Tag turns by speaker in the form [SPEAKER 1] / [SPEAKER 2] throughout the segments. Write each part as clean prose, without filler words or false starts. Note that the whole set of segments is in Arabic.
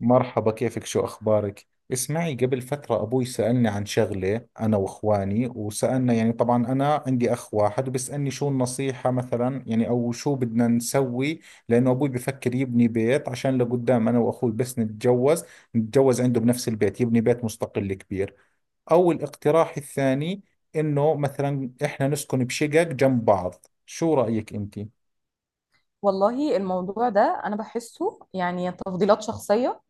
[SPEAKER 1] مرحبا، كيفك؟ شو أخبارك؟ اسمعي، قبل فترة أبوي سألني عن شغلة أنا وإخواني، وسألنا، يعني طبعا أنا عندي أخ واحد، وبسألني شو النصيحة مثلا، يعني أو شو بدنا نسوي. لأنه أبوي بفكر يبني بيت عشان لقدام أنا وأخوي بس نتجوز عنده بنفس البيت، يبني بيت مستقل كبير. أو الاقتراح الثاني، إنه مثلا إحنا نسكن بشقق جنب بعض. شو رأيك أنت؟
[SPEAKER 2] والله الموضوع ده انا بحسه، يعني تفضيلات شخصيه،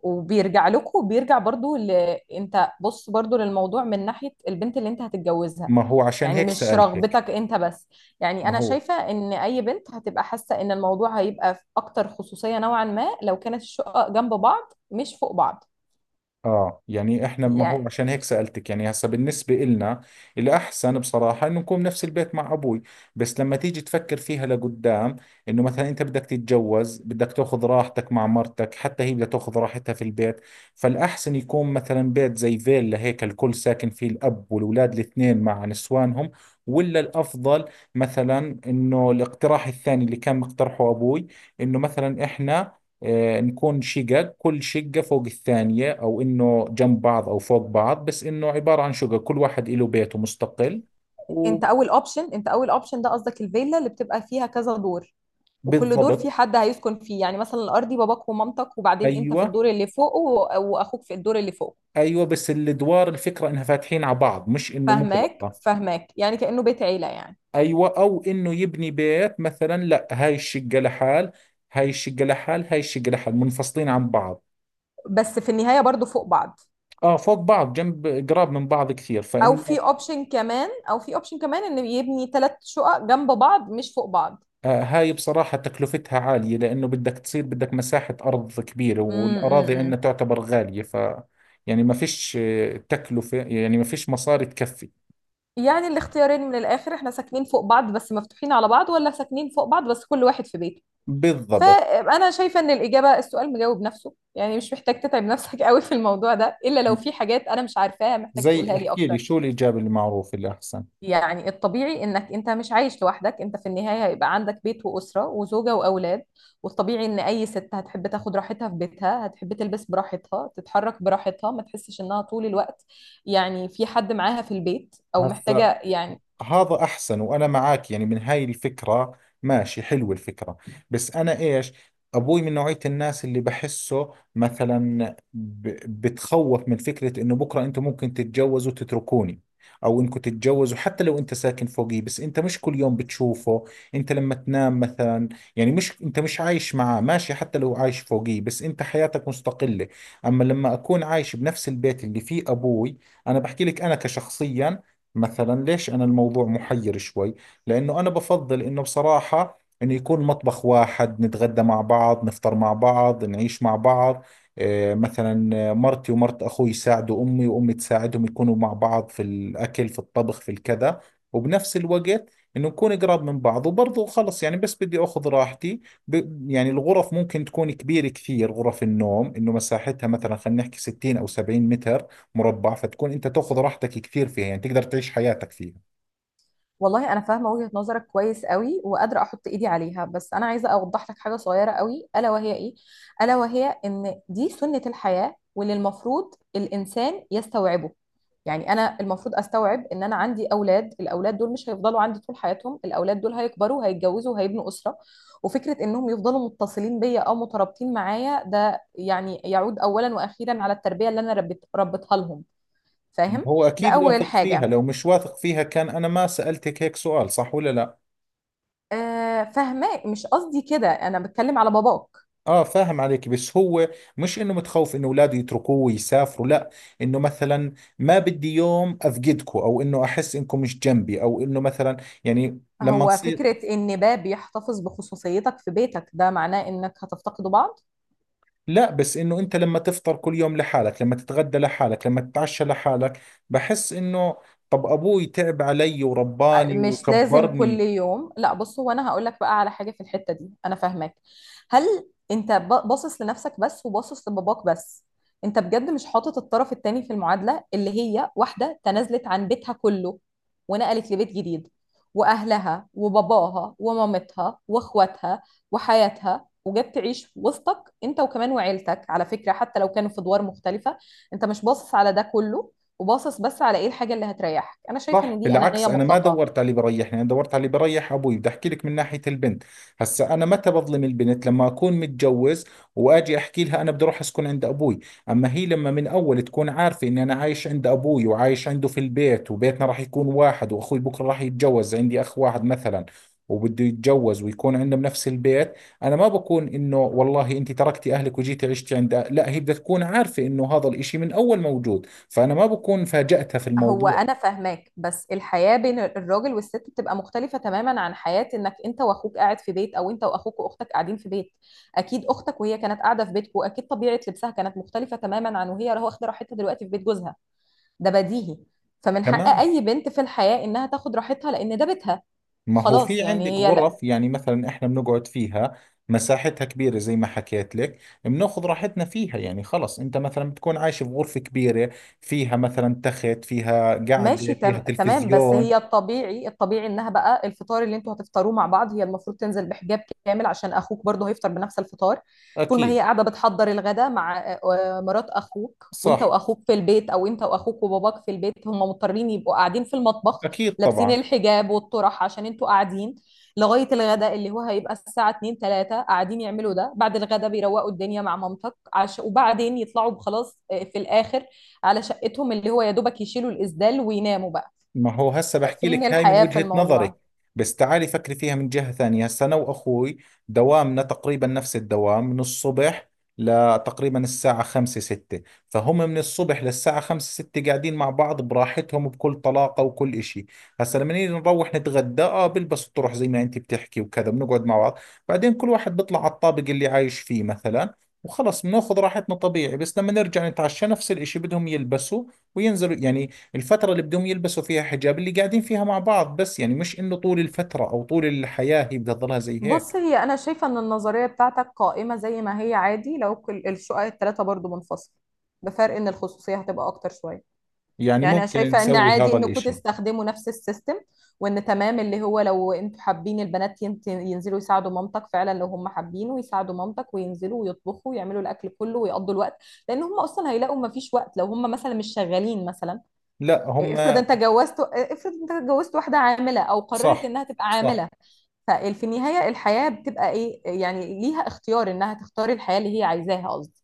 [SPEAKER 2] وبيرجع لكم، وبيرجع برضو انت بص برضو للموضوع من ناحيه البنت اللي انت هتتجوزها،
[SPEAKER 1] ما هو عشان
[SPEAKER 2] يعني
[SPEAKER 1] هيك
[SPEAKER 2] مش
[SPEAKER 1] سألتك.
[SPEAKER 2] رغبتك انت بس. يعني
[SPEAKER 1] ما
[SPEAKER 2] انا
[SPEAKER 1] هو
[SPEAKER 2] شايفه ان اي بنت هتبقى حاسه ان الموضوع هيبقى في اكتر خصوصيه نوعا ما لو كانت الشقق جنب بعض مش فوق بعض.
[SPEAKER 1] اه يعني احنا، ما هو
[SPEAKER 2] يعني
[SPEAKER 1] عشان هيك سألتك. يعني هسا بالنسبة إلنا الأحسن بصراحة إنه نكون بنفس البيت مع أبوي، بس لما تيجي تفكر فيها لقدام، إنه مثلا أنت بدك تتجوز، بدك تاخذ راحتك مع مرتك، حتى هي بدها تاخذ راحتها في البيت. فالأحسن يكون مثلا بيت زي فيلا هيك الكل ساكن فيه، الأب والأولاد الاثنين مع نسوانهم، ولا الأفضل مثلا إنه الاقتراح الثاني اللي كان مقترحه أبوي، إنه مثلا إحنا نكون شقق، كل شقة فوق الثانية، أو إنه جنب بعض أو فوق بعض، بس إنه عبارة عن شقق كل واحد له بيته مستقل.
[SPEAKER 2] انت اول اوبشن، ده قصدك الفيلا اللي بتبقى فيها كذا دور، وكل دور في
[SPEAKER 1] وبالضبط.
[SPEAKER 2] حد هيسكن فيه، يعني مثلا الارضي باباك ومامتك، وبعدين انت في
[SPEAKER 1] أيوة،
[SPEAKER 2] الدور اللي فوقه، واخوك في الدور اللي فوقه.
[SPEAKER 1] أيوة، بس الأدوار الفكرة إنها فاتحين على بعض، مش إنه
[SPEAKER 2] فهماك
[SPEAKER 1] مغلقة.
[SPEAKER 2] فهماك، يعني كأنه بيت عيلة يعني.
[SPEAKER 1] أيوة. أو إنه يبني بيت مثلا، لا، هاي الشقة لحال، هاي الشقة لحال، هاي الشقة لحال، منفصلين عن بعض.
[SPEAKER 2] بس في النهاية برضو فوق بعض.
[SPEAKER 1] آه، فوق بعض، جنب، قراب من بعض كثير،
[SPEAKER 2] او في
[SPEAKER 1] فإنه
[SPEAKER 2] اوبشن كمان، ان يبني ثلاث شقق جنب بعض مش فوق بعض.
[SPEAKER 1] هاي بصراحة تكلفتها عالية، لأنه بدك تصير بدك مساحة أرض كبيرة، والأراضي عندنا
[SPEAKER 2] امم
[SPEAKER 1] تعتبر غالية. ف ما فيش تكلفة، يعني ما فيش مصاري تكفي.
[SPEAKER 2] يعني الاختيارين من الاخر، احنا ساكنين فوق بعض بس مفتوحين على بعض، ولا ساكنين فوق بعض بس كل واحد في بيته.
[SPEAKER 1] بالضبط.
[SPEAKER 2] فانا شايفه ان الاجابه، السؤال مجاوب نفسه، يعني مش محتاج تتعب نفسك قوي في الموضوع ده، الا لو في حاجات انا مش عارفاها محتاج
[SPEAKER 1] زي
[SPEAKER 2] تقولها لي
[SPEAKER 1] احكي
[SPEAKER 2] اكتر.
[SPEAKER 1] لي شو الإجابة المعروفة الأحسن.
[SPEAKER 2] يعني الطبيعي انك انت مش عايش لوحدك، انت في النهايه هيبقى عندك بيت واسره وزوجه واولاد. والطبيعي ان اي ست هتحب تاخد راحتها في بيتها، هتحب تلبس براحتها، تتحرك براحتها، ما تحسش انها طول الوقت يعني في حد معاها في البيت او
[SPEAKER 1] هسا
[SPEAKER 2] محتاجه يعني.
[SPEAKER 1] هذا احسن، وانا معك يعني من هاي الفكره، ماشي، حلوه الفكره. بس انا ايش، ابوي من نوعيه الناس اللي بحسه مثلا بتخوف من فكره انه بكره انتم ممكن تتجوزوا وتتركوني، او انكم تتجوزوا حتى لو انت ساكن فوقي، بس انت مش كل يوم بتشوفه، انت لما تنام مثلا، يعني مش، انت مش عايش معاه. ماشي، حتى لو عايش فوقي، بس انت حياتك مستقله. اما لما اكون عايش بنفس البيت اللي فيه ابوي، انا بحكي لك انا كشخصيا، مثلا ليش أنا الموضوع محير شوي، لأنه أنا بفضل إنه بصراحة إنه يكون مطبخ واحد، نتغدى مع بعض، نفطر مع بعض، نعيش مع بعض، مثلا مرتي ومرت أخوي يساعدوا أمي، وأمي تساعدهم، يكونوا مع بعض في الأكل، في الطبخ، في الكذا. وبنفس الوقت إنه نكون قراب من بعض، وبرضه خلص، يعني بس بدي أخذ راحتي. يعني الغرف ممكن تكون كبيرة كثير، غرف النوم إنه مساحتها مثلا خلينا نحكي 60 أو 70 متر مربع، فتكون انت تاخذ راحتك كثير فيها، يعني تقدر تعيش حياتك فيها.
[SPEAKER 2] والله انا فاهمه وجهه نظرك كويس قوي وقادره احط ايدي عليها، بس انا عايزه اوضح لك حاجه صغيره قوي، الا وهي ايه؟ الا وهي ان دي سنه الحياه واللي المفروض الانسان يستوعبه. يعني انا المفروض استوعب ان انا عندي اولاد، الاولاد دول مش هيفضلوا عندي طول حياتهم، الاولاد دول هيكبروا هيتجوزوا وهيبنوا اسره. وفكره انهم يفضلوا متصلين بيا او مترابطين معايا ده يعني يعود اولا واخيرا على التربيه اللي انا ربيتها لهم. فاهم؟
[SPEAKER 1] هو
[SPEAKER 2] ده
[SPEAKER 1] اكيد
[SPEAKER 2] اول
[SPEAKER 1] واثق فيها،
[SPEAKER 2] حاجه.
[SPEAKER 1] لو مش واثق فيها كان انا ما سألتك هيك سؤال، صح ولا لا؟
[SPEAKER 2] فاهماه، مش قصدي كده، انا بتكلم على باباك.
[SPEAKER 1] اه، فاهم عليك، بس هو مش انه متخوف انه اولاده يتركوه ويسافروا، لا، انه مثلا ما بدي يوم افقدكم، او انه احس انكم مش جنبي، او انه مثلا يعني لما
[SPEAKER 2] هو
[SPEAKER 1] تصير.
[SPEAKER 2] فكرة ان باب يحتفظ بخصوصيتك في بيتك، ده معناه انك هتفتقدوا بعض؟
[SPEAKER 1] لا، بس انه انت لما تفطر كل يوم لحالك، لما تتغدى لحالك، لما تتعشى لحالك، بحس انه، طب ابوي تعب علي ورباني
[SPEAKER 2] مش لازم كل
[SPEAKER 1] وكبرني.
[SPEAKER 2] يوم. لا بص، هو انا هقول لك بقى على حاجه في الحته دي، انا فاهماك. هل انت باصص لنفسك بس وباصص لباباك بس؟ انت بجد مش حاطط الطرف التاني في المعادله، اللي هي واحده تنازلت عن بيتها كله ونقلت لبيت جديد، واهلها وباباها ومامتها واخواتها وحياتها، وجت تعيش وسطك انت، وكمان وعيلتك على فكره حتى لو كانوا في ادوار مختلفه. انت مش باصص على ده كله، وباصص بس على ايه الحاجه اللي هتريحك. انا شايفه
[SPEAKER 1] صح،
[SPEAKER 2] ان دي
[SPEAKER 1] بالعكس،
[SPEAKER 2] انانيه
[SPEAKER 1] انا ما
[SPEAKER 2] مطلقه.
[SPEAKER 1] دورت على اللي بريحني، انا دورت على اللي بريح ابوي. بدي احكي لك من ناحيه البنت، هسا انا متى بظلم البنت؟ لما اكون متجوز واجي احكي لها انا بدي اروح اسكن عند ابوي، اما هي لما من اول تكون عارفه اني انا عايش عند ابوي وعايش عنده في البيت، وبيتنا راح يكون واحد، واخوي بكره راح يتجوز، عندي اخ واحد مثلا، وبده يتجوز ويكون عندنا بنفس البيت، انا ما بكون انه والله انت تركتي اهلك وجيتي عشتي عند لا، هي بدها تكون عارفه انه هذا الاشي من اول موجود، فانا ما بكون فاجأتها في
[SPEAKER 2] هو
[SPEAKER 1] الموضوع.
[SPEAKER 2] انا فاهماك، بس الحياه بين الراجل والست بتبقى مختلفه تماما عن حياه انك انت واخوك قاعد في بيت، او انت واخوك واختك قاعدين في بيت. اكيد اختك وهي كانت قاعده في بيتكم اكيد طبيعه لبسها كانت مختلفه تماما عن وهي واخده راحتها دلوقتي في بيت جوزها. ده بديهي. فمن حق
[SPEAKER 1] تمام.
[SPEAKER 2] اي بنت في الحياه انها تاخد راحتها لان ده بيتها.
[SPEAKER 1] ما هو
[SPEAKER 2] خلاص
[SPEAKER 1] في عندك
[SPEAKER 2] يعني هي.
[SPEAKER 1] غرف، يعني مثلا احنا بنقعد فيها، مساحتها كبيرة زي ما حكيت لك، بناخذ راحتنا فيها، يعني خلص انت مثلا بتكون عايش في غرفة كبيرة، فيها مثلا تخت، فيها قعدة،
[SPEAKER 2] ماشي
[SPEAKER 1] فيها
[SPEAKER 2] تمام. بس
[SPEAKER 1] تلفزيون.
[SPEAKER 2] هي الطبيعي، الطبيعي انها بقى الفطار اللي انتوا هتفطروه مع بعض، هي المفروض تنزل بحجاب كامل عشان اخوك برضه هيفطر بنفس الفطار. طول ما هي
[SPEAKER 1] اكيد.
[SPEAKER 2] قاعده بتحضر الغدا مع مرات اخوك وانت
[SPEAKER 1] صح.
[SPEAKER 2] واخوك في البيت، او انت واخوك وباباك في البيت، هم مضطرين يبقوا قاعدين في المطبخ
[SPEAKER 1] اكيد
[SPEAKER 2] لابسين
[SPEAKER 1] طبعا.
[SPEAKER 2] الحجاب والطرح عشان انتوا قاعدين لغايه الغدا اللي هو هيبقى الساعه 2 3، قاعدين يعملوا ده. بعد الغدا بيروقوا الدنيا مع مامتك وبعدين يطلعوا خلاص في الاخر على شقتهم، اللي هو يا دوبك يشيلوا الإسدال ويناموا بقى.
[SPEAKER 1] ما هو هسه بحكي
[SPEAKER 2] فين
[SPEAKER 1] لك هاي من
[SPEAKER 2] الحياة في
[SPEAKER 1] وجهة نظري،
[SPEAKER 2] الموضوع؟
[SPEAKER 1] بس تعالي فكري فيها من جهة ثانية. هسه أنا وأخوي دوامنا تقريبا نفس الدوام، من الصبح لتقريبا الساعة خمسة ستة، فهم من الصبح للساعة خمسة ستة قاعدين مع بعض براحتهم، بكل طلاقة وكل إشي. هسه لما نيجي نروح نتغدى، آه بلبس الطرح زي ما أنت بتحكي وكذا، بنقعد مع بعض، بعدين كل واحد بيطلع على الطابق اللي عايش فيه مثلا، وخلص بناخذ راحتنا طبيعي. بس لما نرجع نتعشى نفس الإشي، بدهم يلبسوا وينزلوا، يعني الفترة اللي بدهم يلبسوا فيها حجاب اللي قاعدين فيها مع بعض، بس يعني مش انه طول الفترة او طول الحياة هي بدها تضلها زي هيك.
[SPEAKER 2] بص هي، أنا شايفة إن النظرية بتاعتك قائمة زي ما هي عادي، لو الشقق التلاتة برضو منفصلة، بفرق إن الخصوصية هتبقى أكتر شوية.
[SPEAKER 1] يعني
[SPEAKER 2] يعني أنا
[SPEAKER 1] ممكن
[SPEAKER 2] شايفة إن
[SPEAKER 1] نسوي
[SPEAKER 2] عادي
[SPEAKER 1] هذا
[SPEAKER 2] إنكم
[SPEAKER 1] الاشي.
[SPEAKER 2] تستخدموا نفس السيستم، وإن تمام اللي هو لو أنتوا حابين البنات ينزلوا يساعدوا مامتك. فعلا لو هم حابينه يساعدوا مامتك وينزلوا ويطبخوا ويعملوا الأكل كله ويقضوا الوقت، لأن هم أصلا هيلاقوا مفيش وقت لو هم مثلا مش شغالين مثلا.
[SPEAKER 1] لا هم.
[SPEAKER 2] افرض انت جوزت واحده عامله، او قررت
[SPEAKER 1] صح،
[SPEAKER 2] انها تبقى
[SPEAKER 1] صح.
[SPEAKER 2] عامله. ففي النهايه الحياه بتبقى ايه، يعني ليها اختيار انها تختار الحياه اللي هي عايزاها قصدي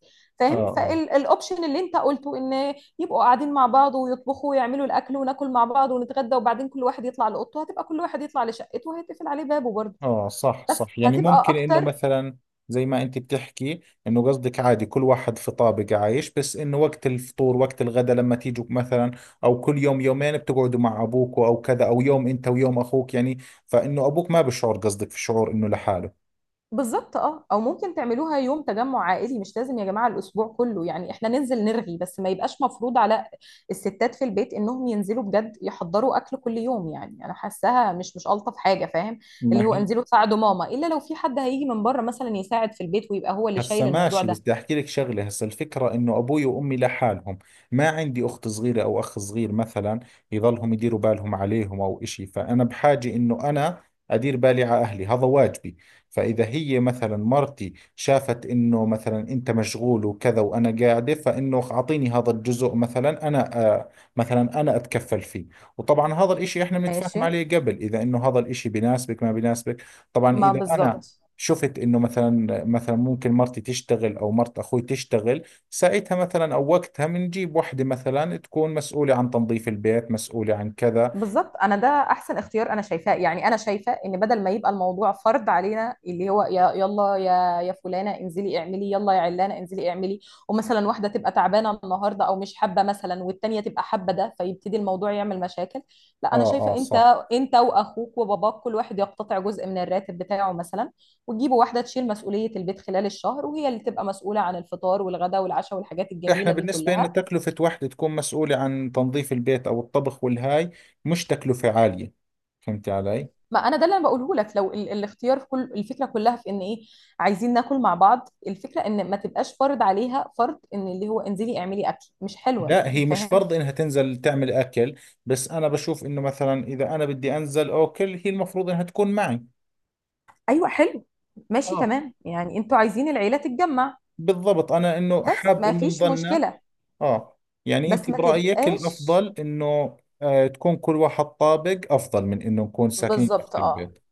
[SPEAKER 1] اه،
[SPEAKER 2] فاهم.
[SPEAKER 1] اه.
[SPEAKER 2] فالاوبشن اللي انت قلته ان يبقوا قاعدين مع بعض ويطبخوا ويعملوا الاكل وناكل مع بعض ونتغدى وبعدين كل واحد يطلع لاوضته، هتبقى كل واحد يطلع لشقته وهيتقفل عليه بابه برضه،
[SPEAKER 1] اه، صح،
[SPEAKER 2] بس
[SPEAKER 1] صح، يعني
[SPEAKER 2] هتبقى
[SPEAKER 1] ممكن انه
[SPEAKER 2] اكتر.
[SPEAKER 1] مثلا زي ما انت بتحكي، انه قصدك عادي كل واحد في طابق عايش، بس انه وقت الفطور وقت الغداء لما تيجوا مثلا، او كل يوم يومين بتقعدوا مع ابوك او كذا، او يوم انت ويوم اخوك يعني، فانه ابوك ما بشعر قصدك في شعور انه لحاله.
[SPEAKER 2] بالظبط اه. او ممكن تعملوها يوم تجمع عائلي، مش لازم يا جماعه الاسبوع كله، يعني احنا ننزل نرغي بس ما يبقاش مفروض على الستات في البيت انهم ينزلوا بجد يحضروا اكل كل يوم، يعني انا حاساها مش الطف حاجه فاهم.
[SPEAKER 1] ما
[SPEAKER 2] اللي هو
[SPEAKER 1] هي.
[SPEAKER 2] انزلوا تساعدوا ماما، الا لو في حد هيجي من بره مثلا يساعد في البيت ويبقى هو اللي
[SPEAKER 1] هسا
[SPEAKER 2] شايل الموضوع
[SPEAKER 1] ماشي، بس
[SPEAKER 2] ده.
[SPEAKER 1] بدي احكي لك شغله، هسا الفكره انه ابوي وامي لحالهم، ما عندي اخت صغيره او اخ صغير مثلا يضلهم يديروا بالهم عليهم او اشي، فانا بحاجه انه انا ادير بالي على اهلي، هذا واجبي. فاذا هي مثلا مرتي شافت انه مثلا انت مشغول وكذا وانا قاعده، فانه اعطيني هذا الجزء مثلا، انا مثلا انا اتكفل فيه. وطبعا هذا الاشي احنا
[SPEAKER 2] ماشي
[SPEAKER 1] بنتفاهم عليه قبل، اذا انه هذا الاشي بناسبك ما بناسبك. طبعا
[SPEAKER 2] ما
[SPEAKER 1] اذا انا
[SPEAKER 2] بالظبط.
[SPEAKER 1] شفت انه مثلا، ممكن مرتي تشتغل او مرت اخوي تشتغل، ساعتها مثلا او وقتها بنجيب وحده مثلا تكون مسؤوله عن تنظيف البيت، مسؤوله عن كذا.
[SPEAKER 2] بالظبط، انا ده احسن اختيار انا شايفاه. يعني انا شايفه ان بدل ما يبقى الموضوع فرض علينا اللي هو يا يلا يا فلانه انزلي اعملي، يلا يا علانه انزلي اعملي، ومثلا واحده تبقى تعبانه النهارده او مش حابه مثلا والتانيه تبقى حابه، ده فيبتدي الموضوع يعمل مشاكل. لا
[SPEAKER 1] اه،
[SPEAKER 2] انا
[SPEAKER 1] اه،
[SPEAKER 2] شايفه انت،
[SPEAKER 1] صح.
[SPEAKER 2] انت واخوك وباباك كل واحد يقتطع جزء من الراتب بتاعه مثلا، وتجيبوا واحده تشيل مسؤوليه البيت خلال الشهر، وهي اللي تبقى مسؤوله عن الفطار والغداء والعشاء والحاجات
[SPEAKER 1] احنا
[SPEAKER 2] الجميله دي
[SPEAKER 1] بالنسبه انه
[SPEAKER 2] كلها.
[SPEAKER 1] تكلفه وحده تكون مسؤوله عن تنظيف البيت او الطبخ والهاي، مش تكلفه عاليه، فهمت علي.
[SPEAKER 2] ما انا ده اللي انا بقوله لك. لو الاختيار في كل الفكره كلها في ان ايه، عايزين ناكل مع بعض، الفكره ان ما تبقاش فرض عليها فرض ان اللي هو انزلي اعملي اكل، مش حلوه
[SPEAKER 1] لا هي
[SPEAKER 2] يعني
[SPEAKER 1] مش
[SPEAKER 2] فاهم.
[SPEAKER 1] فرض انها تنزل تعمل اكل، بس انا بشوف انه مثلا اذا انا بدي انزل اكل هي المفروض انها تكون معي.
[SPEAKER 2] ايوه حلو، ماشي
[SPEAKER 1] اه.
[SPEAKER 2] تمام، يعني انتوا عايزين العيله تتجمع،
[SPEAKER 1] بالضبط، انا انه
[SPEAKER 2] بس
[SPEAKER 1] حاب
[SPEAKER 2] ما
[SPEAKER 1] انه
[SPEAKER 2] فيش
[SPEAKER 1] نضلنا.
[SPEAKER 2] مشكله،
[SPEAKER 1] اه. يعني انت
[SPEAKER 2] بس ما
[SPEAKER 1] برأيك
[SPEAKER 2] تبقاش.
[SPEAKER 1] الافضل انه تكون كل واحد طابق افضل من انه نكون ساكنين
[SPEAKER 2] بالظبط
[SPEAKER 1] تحت
[SPEAKER 2] اه.
[SPEAKER 1] البيت؟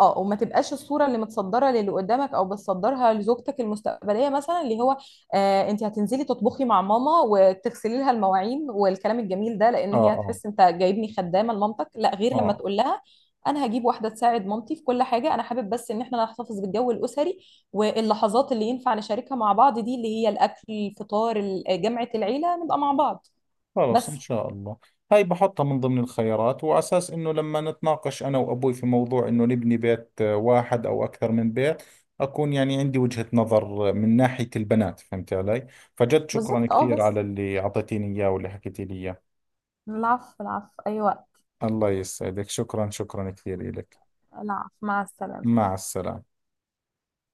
[SPEAKER 2] اه وما تبقاش الصوره اللي متصدره للي قدامك او بتصدرها لزوجتك المستقبليه مثلا، اللي هو آه انت هتنزلي تطبخي مع ماما وتغسلي لها المواعين والكلام الجميل ده،
[SPEAKER 1] اه،
[SPEAKER 2] لان هي
[SPEAKER 1] اه،
[SPEAKER 2] هتحس انت جايبني خدامه لمامتك لا غير. لما
[SPEAKER 1] اه.
[SPEAKER 2] تقول لها انا هجيب واحده تساعد مامتي في كل حاجه، انا حابب بس ان احنا نحتفظ بالجو الاسري، واللحظات اللي ينفع نشاركها مع بعض دي اللي هي الاكل، الفطار، جمعه العيله، نبقى مع بعض
[SPEAKER 1] خلص ان
[SPEAKER 2] بس.
[SPEAKER 1] شاء الله. هاي بحطها من ضمن الخيارات، وعلى اساس انه لما نتناقش انا وابوي في موضوع انه نبني بيت واحد او اكثر من بيت، اكون يعني عندي وجهة نظر من ناحية البنات، فهمت علي. فجد شكرا
[SPEAKER 2] بالظبط اه،
[SPEAKER 1] كثير
[SPEAKER 2] بس.
[SPEAKER 1] على اللي اعطيتيني اياه واللي حكيتي لي اياه.
[SPEAKER 2] العفو العفو، أي وقت.
[SPEAKER 1] الله يسعدك، شكرا، شكرا كثير لك.
[SPEAKER 2] العفو، مع السلامة.
[SPEAKER 1] مع السلامة.